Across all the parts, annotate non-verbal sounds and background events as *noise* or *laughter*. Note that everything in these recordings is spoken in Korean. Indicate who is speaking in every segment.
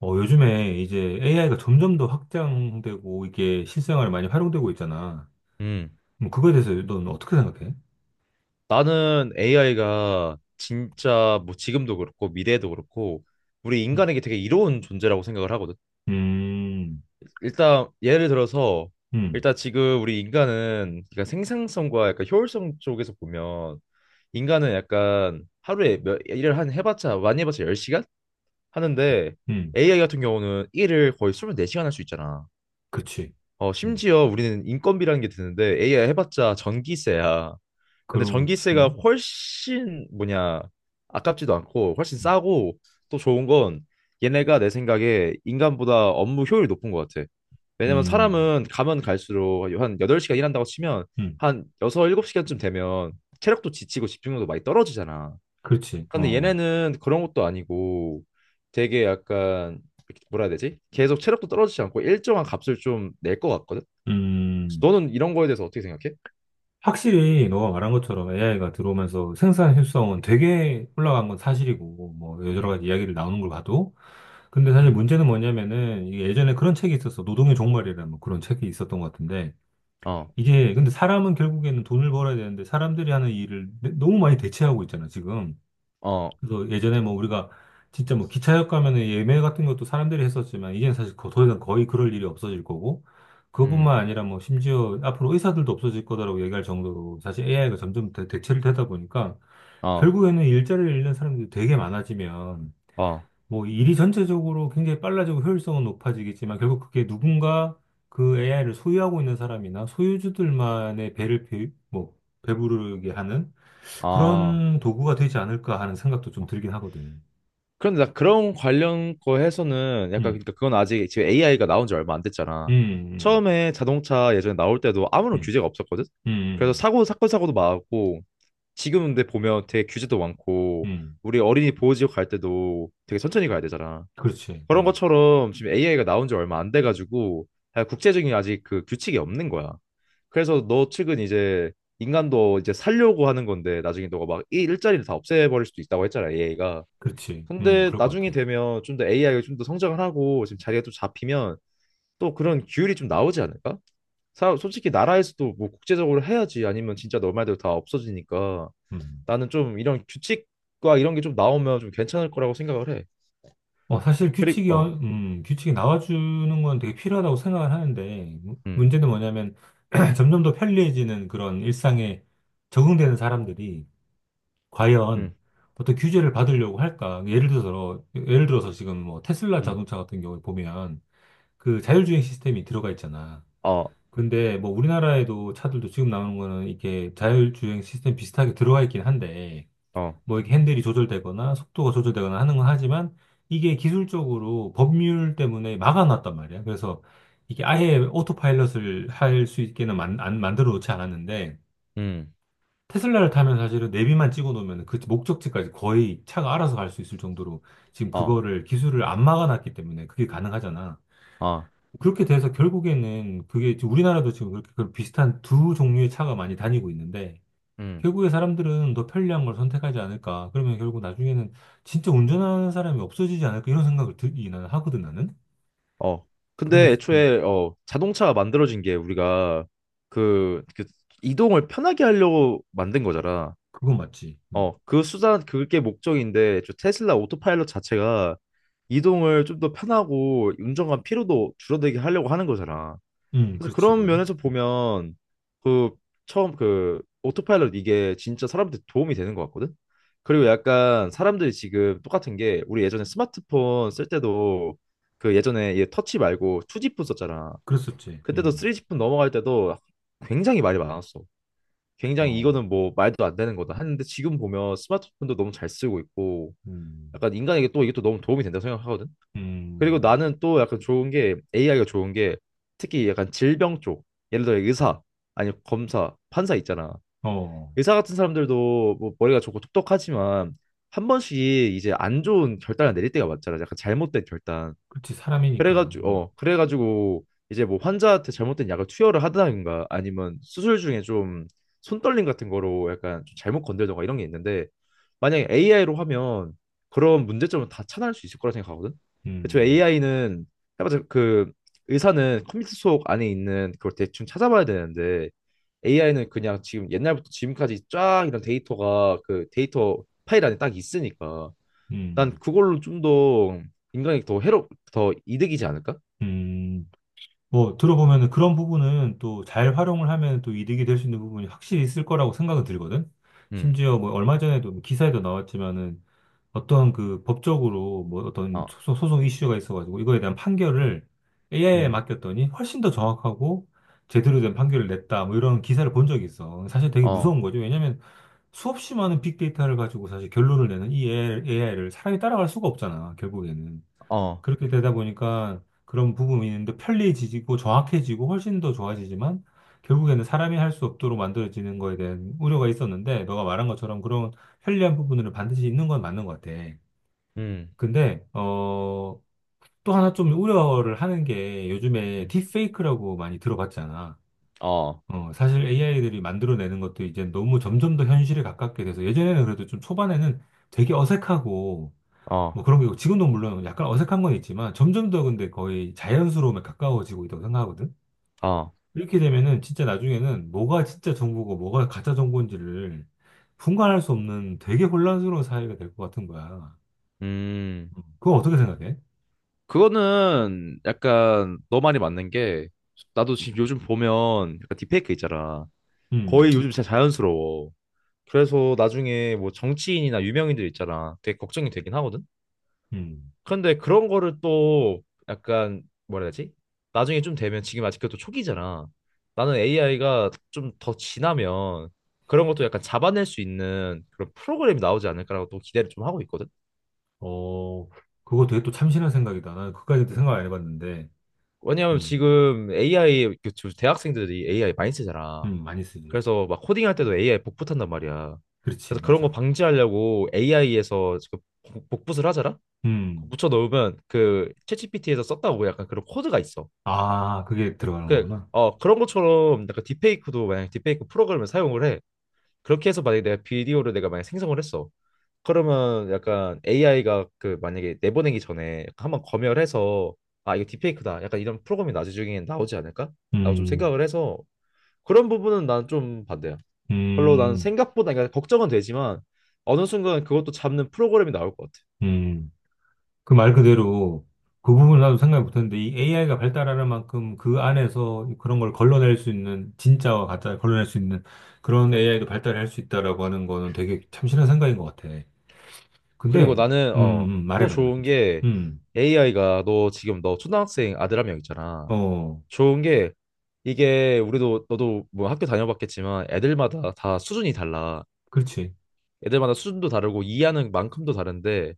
Speaker 1: 요즘에 이제 AI가 점점 더 확장되고 이게 실생활에 많이 활용되고 있잖아.
Speaker 2: 음,
Speaker 1: 뭐 그거에 대해서 넌 어떻게 생각해?
Speaker 2: 나는 AI가 진짜 뭐 지금도 그렇고 미래에도 그렇고 우리
Speaker 1: 음.
Speaker 2: 인간에게 되게 이로운 존재라고 생각을 하거든.
Speaker 1: 음.
Speaker 2: 일단 예를 들어서
Speaker 1: 음.
Speaker 2: 일단 지금 우리 인간은 그러니까 생산성과 약간 효율성 쪽에서 보면 인간은 약간 하루에 몇 일을 한 해봤자 많이 해봤자 10시간 하는데
Speaker 1: 음.
Speaker 2: AI 같은 경우는 일을 거의 24시간 할 수 있잖아.
Speaker 1: 그렇지. 음.
Speaker 2: 심지어 우리는 인건비라는 게 드는데 AI 해봤자 전기세야. 근데
Speaker 1: 그렇지.
Speaker 2: 전기세가 훨씬 뭐냐 아깝지도 않고 훨씬
Speaker 1: 음.
Speaker 2: 싸고 또 좋은 건 얘네가 내 생각에 인간보다 업무 효율이 높은 것 같아. 왜냐면
Speaker 1: 음.
Speaker 2: 사람은 가면 갈수록 한 8시간 일한다고 치면
Speaker 1: 음.
Speaker 2: 한 6, 7시간쯤 되면 체력도 지치고 집중력도 많이 떨어지잖아.
Speaker 1: 그렇지.
Speaker 2: 근데
Speaker 1: 어.
Speaker 2: 얘네는 그런 것도 아니고 되게 약간 뭐라 해야 되지? 계속 체력도 떨어지지 않고 일정한 값을 좀 낼 것 같거든?
Speaker 1: 음.
Speaker 2: 너는 이런 거에 대해서 어떻게 생각해?
Speaker 1: 확실히 너가 말한 것처럼 AI가 들어오면서 생산 효율성은 되게 올라간 건 사실이고, 뭐 여러
Speaker 2: 음,
Speaker 1: 가지 이야기를 나오는 걸 봐도. 근데 사실
Speaker 2: 음,
Speaker 1: 문제는 뭐냐면은 이게 예전에 그런 책이 있었어. 노동의 종말이라는 뭐 그런 책이 있었던 것 같은데.
Speaker 2: 어,
Speaker 1: 이게 근데 사람은 결국에는 돈을 벌어야 되는데 사람들이 하는 일을 너무 많이 대체하고 있잖아, 지금.
Speaker 2: 어,
Speaker 1: 그래서 예전에 뭐 우리가 진짜 뭐 기차역 가면은 예매 같은 것도 사람들이 했었지만 이제는 사실 더 이상 거의 그럴 일이 없어질 거고
Speaker 2: 음.
Speaker 1: 그것뿐만 아니라 뭐 심지어 앞으로 의사들도 없어질 거다라고 얘기할 정도로 사실 AI가 점점 대체를 되다 보니까
Speaker 2: 어,
Speaker 1: 결국에는 일자리를 잃는 사람들이 되게 많아지면
Speaker 2: 어,
Speaker 1: 뭐 일이 전체적으로 굉장히 빨라지고 효율성은 높아지겠지만 결국 그게 누군가 그 AI를 소유하고 있는 사람이나 소유주들만의 배를 배, 뭐 배부르게 하는
Speaker 2: 아.
Speaker 1: 그런 도구가 되지 않을까 하는 생각도 좀
Speaker 2: 어.
Speaker 1: 들긴 하거든.
Speaker 2: 그런데 나 그런 관련 거 해서는 약간
Speaker 1: 음.
Speaker 2: 그러니까 그건 아직 지금 AI가 나온 지 얼마 안
Speaker 1: 음.
Speaker 2: 됐잖아.
Speaker 1: 음.
Speaker 2: 처음에 자동차 예전에 나올 때도 아무런
Speaker 1: 음.
Speaker 2: 규제가 없었거든.
Speaker 1: 음.
Speaker 2: 그래서
Speaker 1: 음.
Speaker 2: 사고 사건 사고도 많았고 지금 근데 보면 되게 규제도 많고
Speaker 1: 음.
Speaker 2: 우리 어린이 보호지역 갈 때도 되게 천천히 가야 되잖아.
Speaker 1: 그렇지.
Speaker 2: 그런
Speaker 1: 음.
Speaker 2: 것처럼 지금 AI가 나온 지 얼마 안 돼가지고 아, 국제적인 아직 그 규칙이 없는 거야. 그래서 너 측은 이제 인간도 이제 살려고 하는 건데 나중에 너가 막 이 일자리를 다 없애버릴 수도 있다고 했잖아 AI가.
Speaker 1: 그렇지. 음.
Speaker 2: 근데
Speaker 1: 그럴 것
Speaker 2: 나중에
Speaker 1: 같아.
Speaker 2: 되면 좀 더 AI가 좀 더 성장을 하고 지금 자리가 또 잡히면 또 그런 규율이 좀 나오지 않을까? 사, 솔직히 나라에서도 뭐 국제적으로 해야지 아니면 진짜 너 말대로 다 없어지니까
Speaker 1: 음.
Speaker 2: 나는 좀 이런 규칙과 이런 게 좀 나오면 좀 괜찮을 거라고 생각을 해.
Speaker 1: 사실 규칙이,
Speaker 2: 그리고
Speaker 1: 어-
Speaker 2: 어
Speaker 1: 음, 규칙이 나와주는 건 되게 필요하다고 생각을 하는데,
Speaker 2: 음
Speaker 1: 문제는 뭐냐면, *clears throat* 점점 더 편리해지는 그런 일상에 적응되는 사람들이, 과연
Speaker 2: 음
Speaker 1: 어떤 규제를 받으려고 할까? 예를 들어서 지금 뭐 테슬라 자동차
Speaker 2: 음
Speaker 1: 같은 경우에 보면, 그 자율주행 시스템이 들어가 있잖아.
Speaker 2: 어
Speaker 1: 근데 뭐 우리나라에도 차들도 지금 나오는 거는 이렇게 자율주행 시스템 비슷하게 들어가 있긴 한데, 뭐
Speaker 2: 어
Speaker 1: 이렇게 핸들이 조절되거나 속도가 조절되거나 하는 건 하지만 이게 기술적으로 법률 때문에 막아놨단 말이야. 그래서 이게 아예 오토파일럿을 할 수 있게는 만, 안, 만들어 놓지 않았는데
Speaker 2: 음
Speaker 1: 테슬라를 타면 사실은 내비만 찍어 놓으면 그 목적지까지 거의 차가 알아서 갈 수 있을 정도로 지금
Speaker 2: 어
Speaker 1: 그거를 기술을 안 막아놨기 때문에 그게 가능하잖아.
Speaker 2: 어
Speaker 1: 그렇게 돼서 결국에는 그게 지금 우리나라도 지금 그렇게 그 비슷한 두 종류의 차가 많이 다니고 있는데
Speaker 2: 음
Speaker 1: 결국에 사람들은 더 편리한 걸 선택하지 않을까. 그러면 결국 나중에는 진짜 운전하는 사람이 없어지지 않을까. 이런 생각을 들이 나는 하거든, 나는.
Speaker 2: 어.
Speaker 1: 그러면,
Speaker 2: 근데
Speaker 1: 진- 음,
Speaker 2: 애초에 자동차가 만들어진 게 우리가 그 이동을 편하게 하려고 만든 거잖아.
Speaker 1: 그건 맞지. 음.
Speaker 2: 그 수단 그게 목적인데 저 테슬라 오토파일럿 자체가 이동을 좀 더 편하고 운전관 피로도 줄어들게 하려고 하는 거잖아.
Speaker 1: 음.
Speaker 2: 그래서
Speaker 1: 그렇지,
Speaker 2: 그런
Speaker 1: 그건.
Speaker 2: 면에서 보면 그 처음 그 오토파일럿 이게 진짜 사람한테 도움이 되는 것 같거든. 그리고 약간 사람들이 지금 똑같은 게 우리 예전에 스마트폰 쓸 때도 그 예전에 얘 터치 말고 2G폰 썼잖아.
Speaker 1: 그랬었지.
Speaker 2: 그때도
Speaker 1: 음.
Speaker 2: 3G폰 넘어갈 때도 굉장히 말이 많았어. 굉장히
Speaker 1: 어.
Speaker 2: 이거는 뭐 말도 안 되는 거다 하는데 지금 보면 스마트폰도 너무 잘 쓰고 있고
Speaker 1: 음.
Speaker 2: 약간 인간에게 또 이게 또 너무 도움이 된다고 생각하거든. 그리고
Speaker 1: 음.
Speaker 2: 나는 또 약간 좋은 게 AI가 좋은 게 특히 약간 질병 쪽 예를 들어 의사 아니 검사 판사 있잖아.
Speaker 1: 어.
Speaker 2: 의사 같은 사람들도 뭐 머리가 좋고 똑똑하지만 한 번씩 이제 안 좋은 결단을 내릴 때가 많잖아. 약간 잘못된 결단.
Speaker 1: 그렇지. 사람이니까.
Speaker 2: 그래가지고
Speaker 1: 음.
Speaker 2: 어 그래가지고 이제 뭐 환자한테 잘못된 약을 투여를 하든가 아니면 수술 중에 좀 손떨림 같은 거로 약간 좀 잘못 건들던가 이런 게 있는데 만약에 AI로 하면 그런 문제점은 다 차단할 수 있을 거라 생각하거든. 저
Speaker 1: 음.
Speaker 2: AI는 해봤자 그 의사는 컴퓨터 속 안에 있는 그걸 대충 찾아봐야 되는데 AI는 그냥 지금 옛날부터 지금까지 쫙 이런 데이터가 그 데이터 파일 안에 딱 있으니까 난
Speaker 1: 음.
Speaker 2: 그걸로 좀 더 인간이 더 해롭 더 이득이지 않을까?
Speaker 1: 음. 뭐, 들어보면은 그런 부분은 또 잘 활용을 하면 또 이득이 될 수 있는 부분이 확실히 있을 거라고 생각은 들거든.
Speaker 2: 음,
Speaker 1: 심지어 뭐 얼마 전에도 뭐 기사에도 나왔지만은 어떤 그 법적으로 뭐 어떤
Speaker 2: 어,
Speaker 1: 소송 이슈가 있어가지고 이거에 대한 판결을 AI에
Speaker 2: 음,
Speaker 1: 맡겼더니 훨씬 더 정확하고 제대로 된 판결을 냈다. 뭐 이런 기사를 본 적이 있어. 사실 되게 무서운
Speaker 2: 어,
Speaker 1: 거죠. 왜냐면 수없이 많은 빅데이터를 가지고 사실 결론을 내는 이 AI를 사람이 따라갈 수가 없잖아, 결국에는.
Speaker 2: 어,
Speaker 1: 그렇게 되다 보니까 그런 부분이 있는데 편리해지고 정확해지고 훨씬 더 좋아지지만 결국에는 사람이 할 수 없도록 만들어지는 거에 대한 우려가 있었는데 너가 말한 것처럼 그런 편리한 부분을 반드시 있는 건 맞는 것 같아.
Speaker 2: 음,
Speaker 1: 근데 또 하나 좀 우려를 하는 게 요즘에
Speaker 2: 음,
Speaker 1: 딥페이크라고 많이 들어봤잖아.
Speaker 2: 어,
Speaker 1: 사실 AI들이 만들어내는 것도 이제 너무 점점 더 현실에 가깝게 돼서 예전에는 그래도 좀 초반에는 되게 어색하고
Speaker 2: 어,
Speaker 1: 뭐 그런 거 있고 지금도 물론 약간 어색한 건 있지만 점점 더 근데 거의 자연스러움에 가까워지고 있다고 생각하거든.
Speaker 2: 어,
Speaker 1: 이렇게 되면은 진짜 나중에는 뭐가 진짜 정보고 뭐가 가짜 정보인지를 분간할 수 없는 되게 혼란스러운 사회가 될 것 같은 거야.
Speaker 2: 음.
Speaker 1: 그거 어떻게 생각해?
Speaker 2: 그거는 약간 너 말이 맞는 게 나도 지금 요즘 보면 약간 딥페이크 있잖아.
Speaker 1: 음,
Speaker 2: 거의
Speaker 1: 이-
Speaker 2: 요즘 진짜 자연스러워. 그래서 나중에 뭐 정치인이나 유명인들 있잖아. 되게 걱정이 되긴 하거든.
Speaker 1: 음,
Speaker 2: 근데 그런 거를 또 약간 뭐라 해야 되지? 나중에 좀 되면 지금 아직 그것도 초기잖아. 나는 AI가 좀 더 지나면 그런 것도 약간 잡아낼 수 있는 그런 프로그램이 나오지 않을까라고 또 기대를 좀 하고 있거든.
Speaker 1: 어, 그거 되게 또 참신한 생각이다. 나는 그까지도
Speaker 2: 음.
Speaker 1: 생각 안 해봤는데,
Speaker 2: 왜냐하면
Speaker 1: 음.
Speaker 2: 지금 AI 그저 대학생들이 AI 많이 쓰잖아.
Speaker 1: 음. 많이 쓰지.
Speaker 2: 그래서 막 코딩할 때도 AI 복붙한단 말이야.
Speaker 1: 그렇지,
Speaker 2: 그래서 그런 거
Speaker 1: 맞아.
Speaker 2: 방지하려고 AI에서 복붙을 하잖아.
Speaker 1: 음.
Speaker 2: 묻혀 넣으면 그 챗GPT에서 썼다고 약간 그런 코드가 있어.
Speaker 1: 아, 그게 들어가는 거구나.
Speaker 2: 그런 것처럼 약간 딥페이크도 만약 딥페이크 프로그램을 사용을 해. 그렇게 해서 만약에 내가 비디오를 내가 만약 생성을 했어. 그러면 약간 AI가 그 만약에 내보내기 전에 한번 검열해서 아, 이거 딥페이크다. 약간 이런 프로그램이 나중에 나오지 않을까? 라고 좀
Speaker 1: 음.
Speaker 2: 생각을 해서 그런 부분은 난 좀 반대야. 별로 난
Speaker 1: 음.
Speaker 2: 생각보다 그러니까 걱정은 되지만 어느 순간 그것도 잡는 프로그램이 나올 것 같아.
Speaker 1: 음. 그 말 그대로 그 부분 나도 생각 못했는데 이 AI가 발달하는 만큼 그 안에서 그런 걸 걸러낼 수 있는 진짜와 가짜를 걸러낼 수 있는 그런 AI도 발달할 수 있다라고 하는 거는 되게 참신한 생각인 것 같아.
Speaker 2: 그리고
Speaker 1: 근데
Speaker 2: 나는
Speaker 1: 음,
Speaker 2: 어,
Speaker 1: 말해
Speaker 2: 또
Speaker 1: 말해 말해.
Speaker 2: 좋은 게
Speaker 1: 음.
Speaker 2: AI가 너 지금 너 초등학생 아들 한 명 있잖아.
Speaker 1: 어.
Speaker 2: 좋은 게 이게 우리도 너도 뭐 학교 다녀봤겠지만 애들마다 다 수준이 달라.
Speaker 1: 그렇지.
Speaker 2: 애들마다 수준도 다르고 이해하는 만큼도 다른데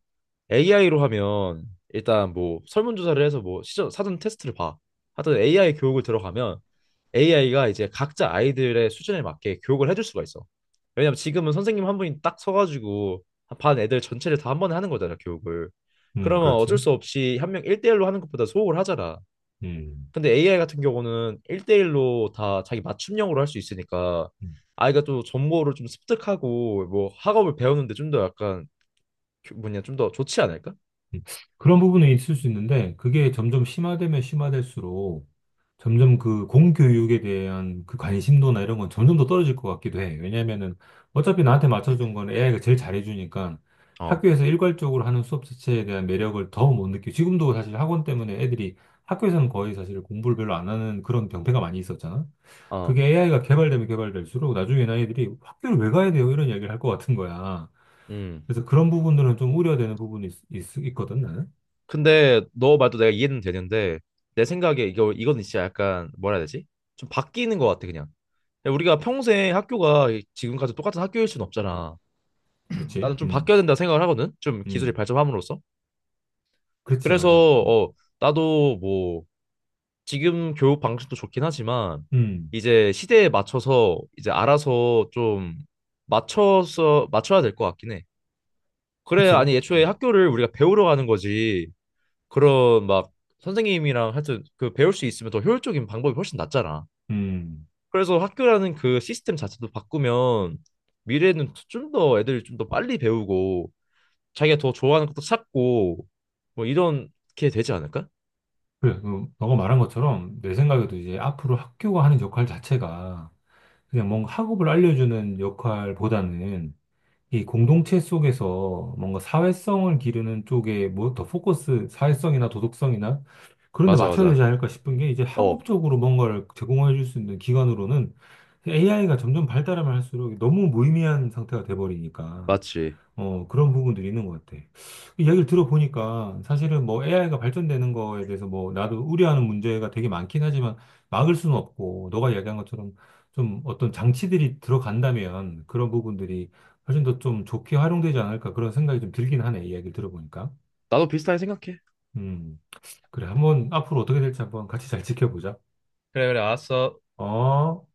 Speaker 2: AI로 하면 일단 뭐 설문조사를 해서 뭐 사전 테스트를 봐. 하여튼 AI 교육을 들어가면 AI가 이제 각자 아이들의 수준에 맞게 교육을 해줄 수가 있어. 왜냐면 지금은 선생님 한 분이 딱 서가지고 반 애들 전체를 다 한 번에 하는 거잖아, 교육을.
Speaker 1: 음.
Speaker 2: 그러면 어쩔
Speaker 1: 그렇지.
Speaker 2: 수 없이 한 명 일대일로 하는 것보다 소홀하잖아.
Speaker 1: 음.
Speaker 2: 근데 AI 같은 경우는 일대일로 다 자기 맞춤형으로 할 수 있으니까
Speaker 1: 음.
Speaker 2: 아이가 또 정보를 좀 습득하고 뭐 학업을 배우는데 좀 더 약간 뭐냐 좀 더 좋지 않을까?
Speaker 1: 음, 그런 부분은 있을 수 있는데 그게 점점 심화되면 심화될수록 점점 그 공교육에 대한 그 관심도나 이런 건 점점 더 떨어질 것 같기도 해. 왜냐면은 어차피 나한테 맞춰준 건 AI가 제일 잘해주니까
Speaker 2: 어,
Speaker 1: 학교에서 일괄적으로 하는 수업 자체에 대한 매력을 더 못 느끼고 지금도 사실 학원 때문에 애들이 학교에서는 거의 사실 공부를 별로 안 하는 그런 병폐가 많이 있었잖아.
Speaker 2: 어,
Speaker 1: 그게 AI가 개발되면 개발될수록 나중에는 애들이 학교를 왜 가야 돼요? 이런 얘기를 할 것 같은 거야.
Speaker 2: 음.
Speaker 1: 그래서 그런 부분들은 좀 우려되는 부분이 있거든, 나는.
Speaker 2: 근데 너 말도 내가 이해는 되는데 내 생각에 이거 이건 진짜 약간 뭐라 해야 되지? 좀 바뀌는 것 같아 그냥. 그냥 우리가 평생 학교가 지금까지 똑같은 학교일 수는 없잖아.
Speaker 1: 그렇지.
Speaker 2: 나는 좀
Speaker 1: 음.
Speaker 2: 바뀌어야 된다 생각을 하거든. 좀 기술이
Speaker 1: 음.
Speaker 2: 발전함으로써.
Speaker 1: 그렇지,
Speaker 2: 그래서
Speaker 1: 맞아. 음.
Speaker 2: 어 나도 뭐 지금 교육 방식도 좋긴 하지만
Speaker 1: 음.
Speaker 2: 이제 시대에 맞춰서 이제 알아서 좀 맞춰서 맞춰야 될 것 같긴 해. 그래,
Speaker 1: 그쵸.
Speaker 2: 아니 애초에
Speaker 1: 음.
Speaker 2: 학교를 우리가 배우러 가는 거지. 그런 막 선생님이랑 하여튼 그 배울 수 있으면 더 효율적인 방법이 훨씬 낫잖아.
Speaker 1: 음.
Speaker 2: 그래서 학교라는 그 시스템 자체도 바꾸면 미래에는 좀 더 애들이 좀 더 빨리 배우고 자기가 더 좋아하는 것도 찾고 뭐 이런 게 되지 않을까?
Speaker 1: 그래, 너가 말한 것처럼 내 생각에도 이제 앞으로 학교가 하는 역할 자체가 그냥 뭔가 학업을 알려주는 역할보다는 이 공동체 속에서 뭔가 사회성을 기르는 쪽에 뭐 더 포커스, 사회성이나 도덕성이나 그런 데
Speaker 2: 맞아,
Speaker 1: 맞춰야 되지
Speaker 2: 맞아.
Speaker 1: 않을까 싶은 게 이제
Speaker 2: 어,
Speaker 1: 학업적으로 뭔가를 제공해 줄 수 있는 기관으로는 AI가 점점 발달하면 할수록 너무 무의미한 상태가 돼버리니까.
Speaker 2: 맞지.
Speaker 1: 그런 부분들이 있는 것 같아. 그 이야기를 들어보니까 사실은 뭐 AI가 발전되는 거에 대해서 뭐 나도 우려하는 문제가 되게 많긴 하지만 막을 수는 없고 너가 이야기한 것처럼 좀 어떤 장치들이 들어간다면 그런 부분들이 훨씬 더 좀 좋게 활용되지 않을까 그런 생각이 좀 들긴 하네. 이야기를 들어보니까.
Speaker 2: 나도 비슷하게 생각해.
Speaker 1: 음, 그래. 한번 앞으로 어떻게 될지 한번 같이 잘 지켜보자.
Speaker 2: 그래, 그래, 알았어.
Speaker 1: 어?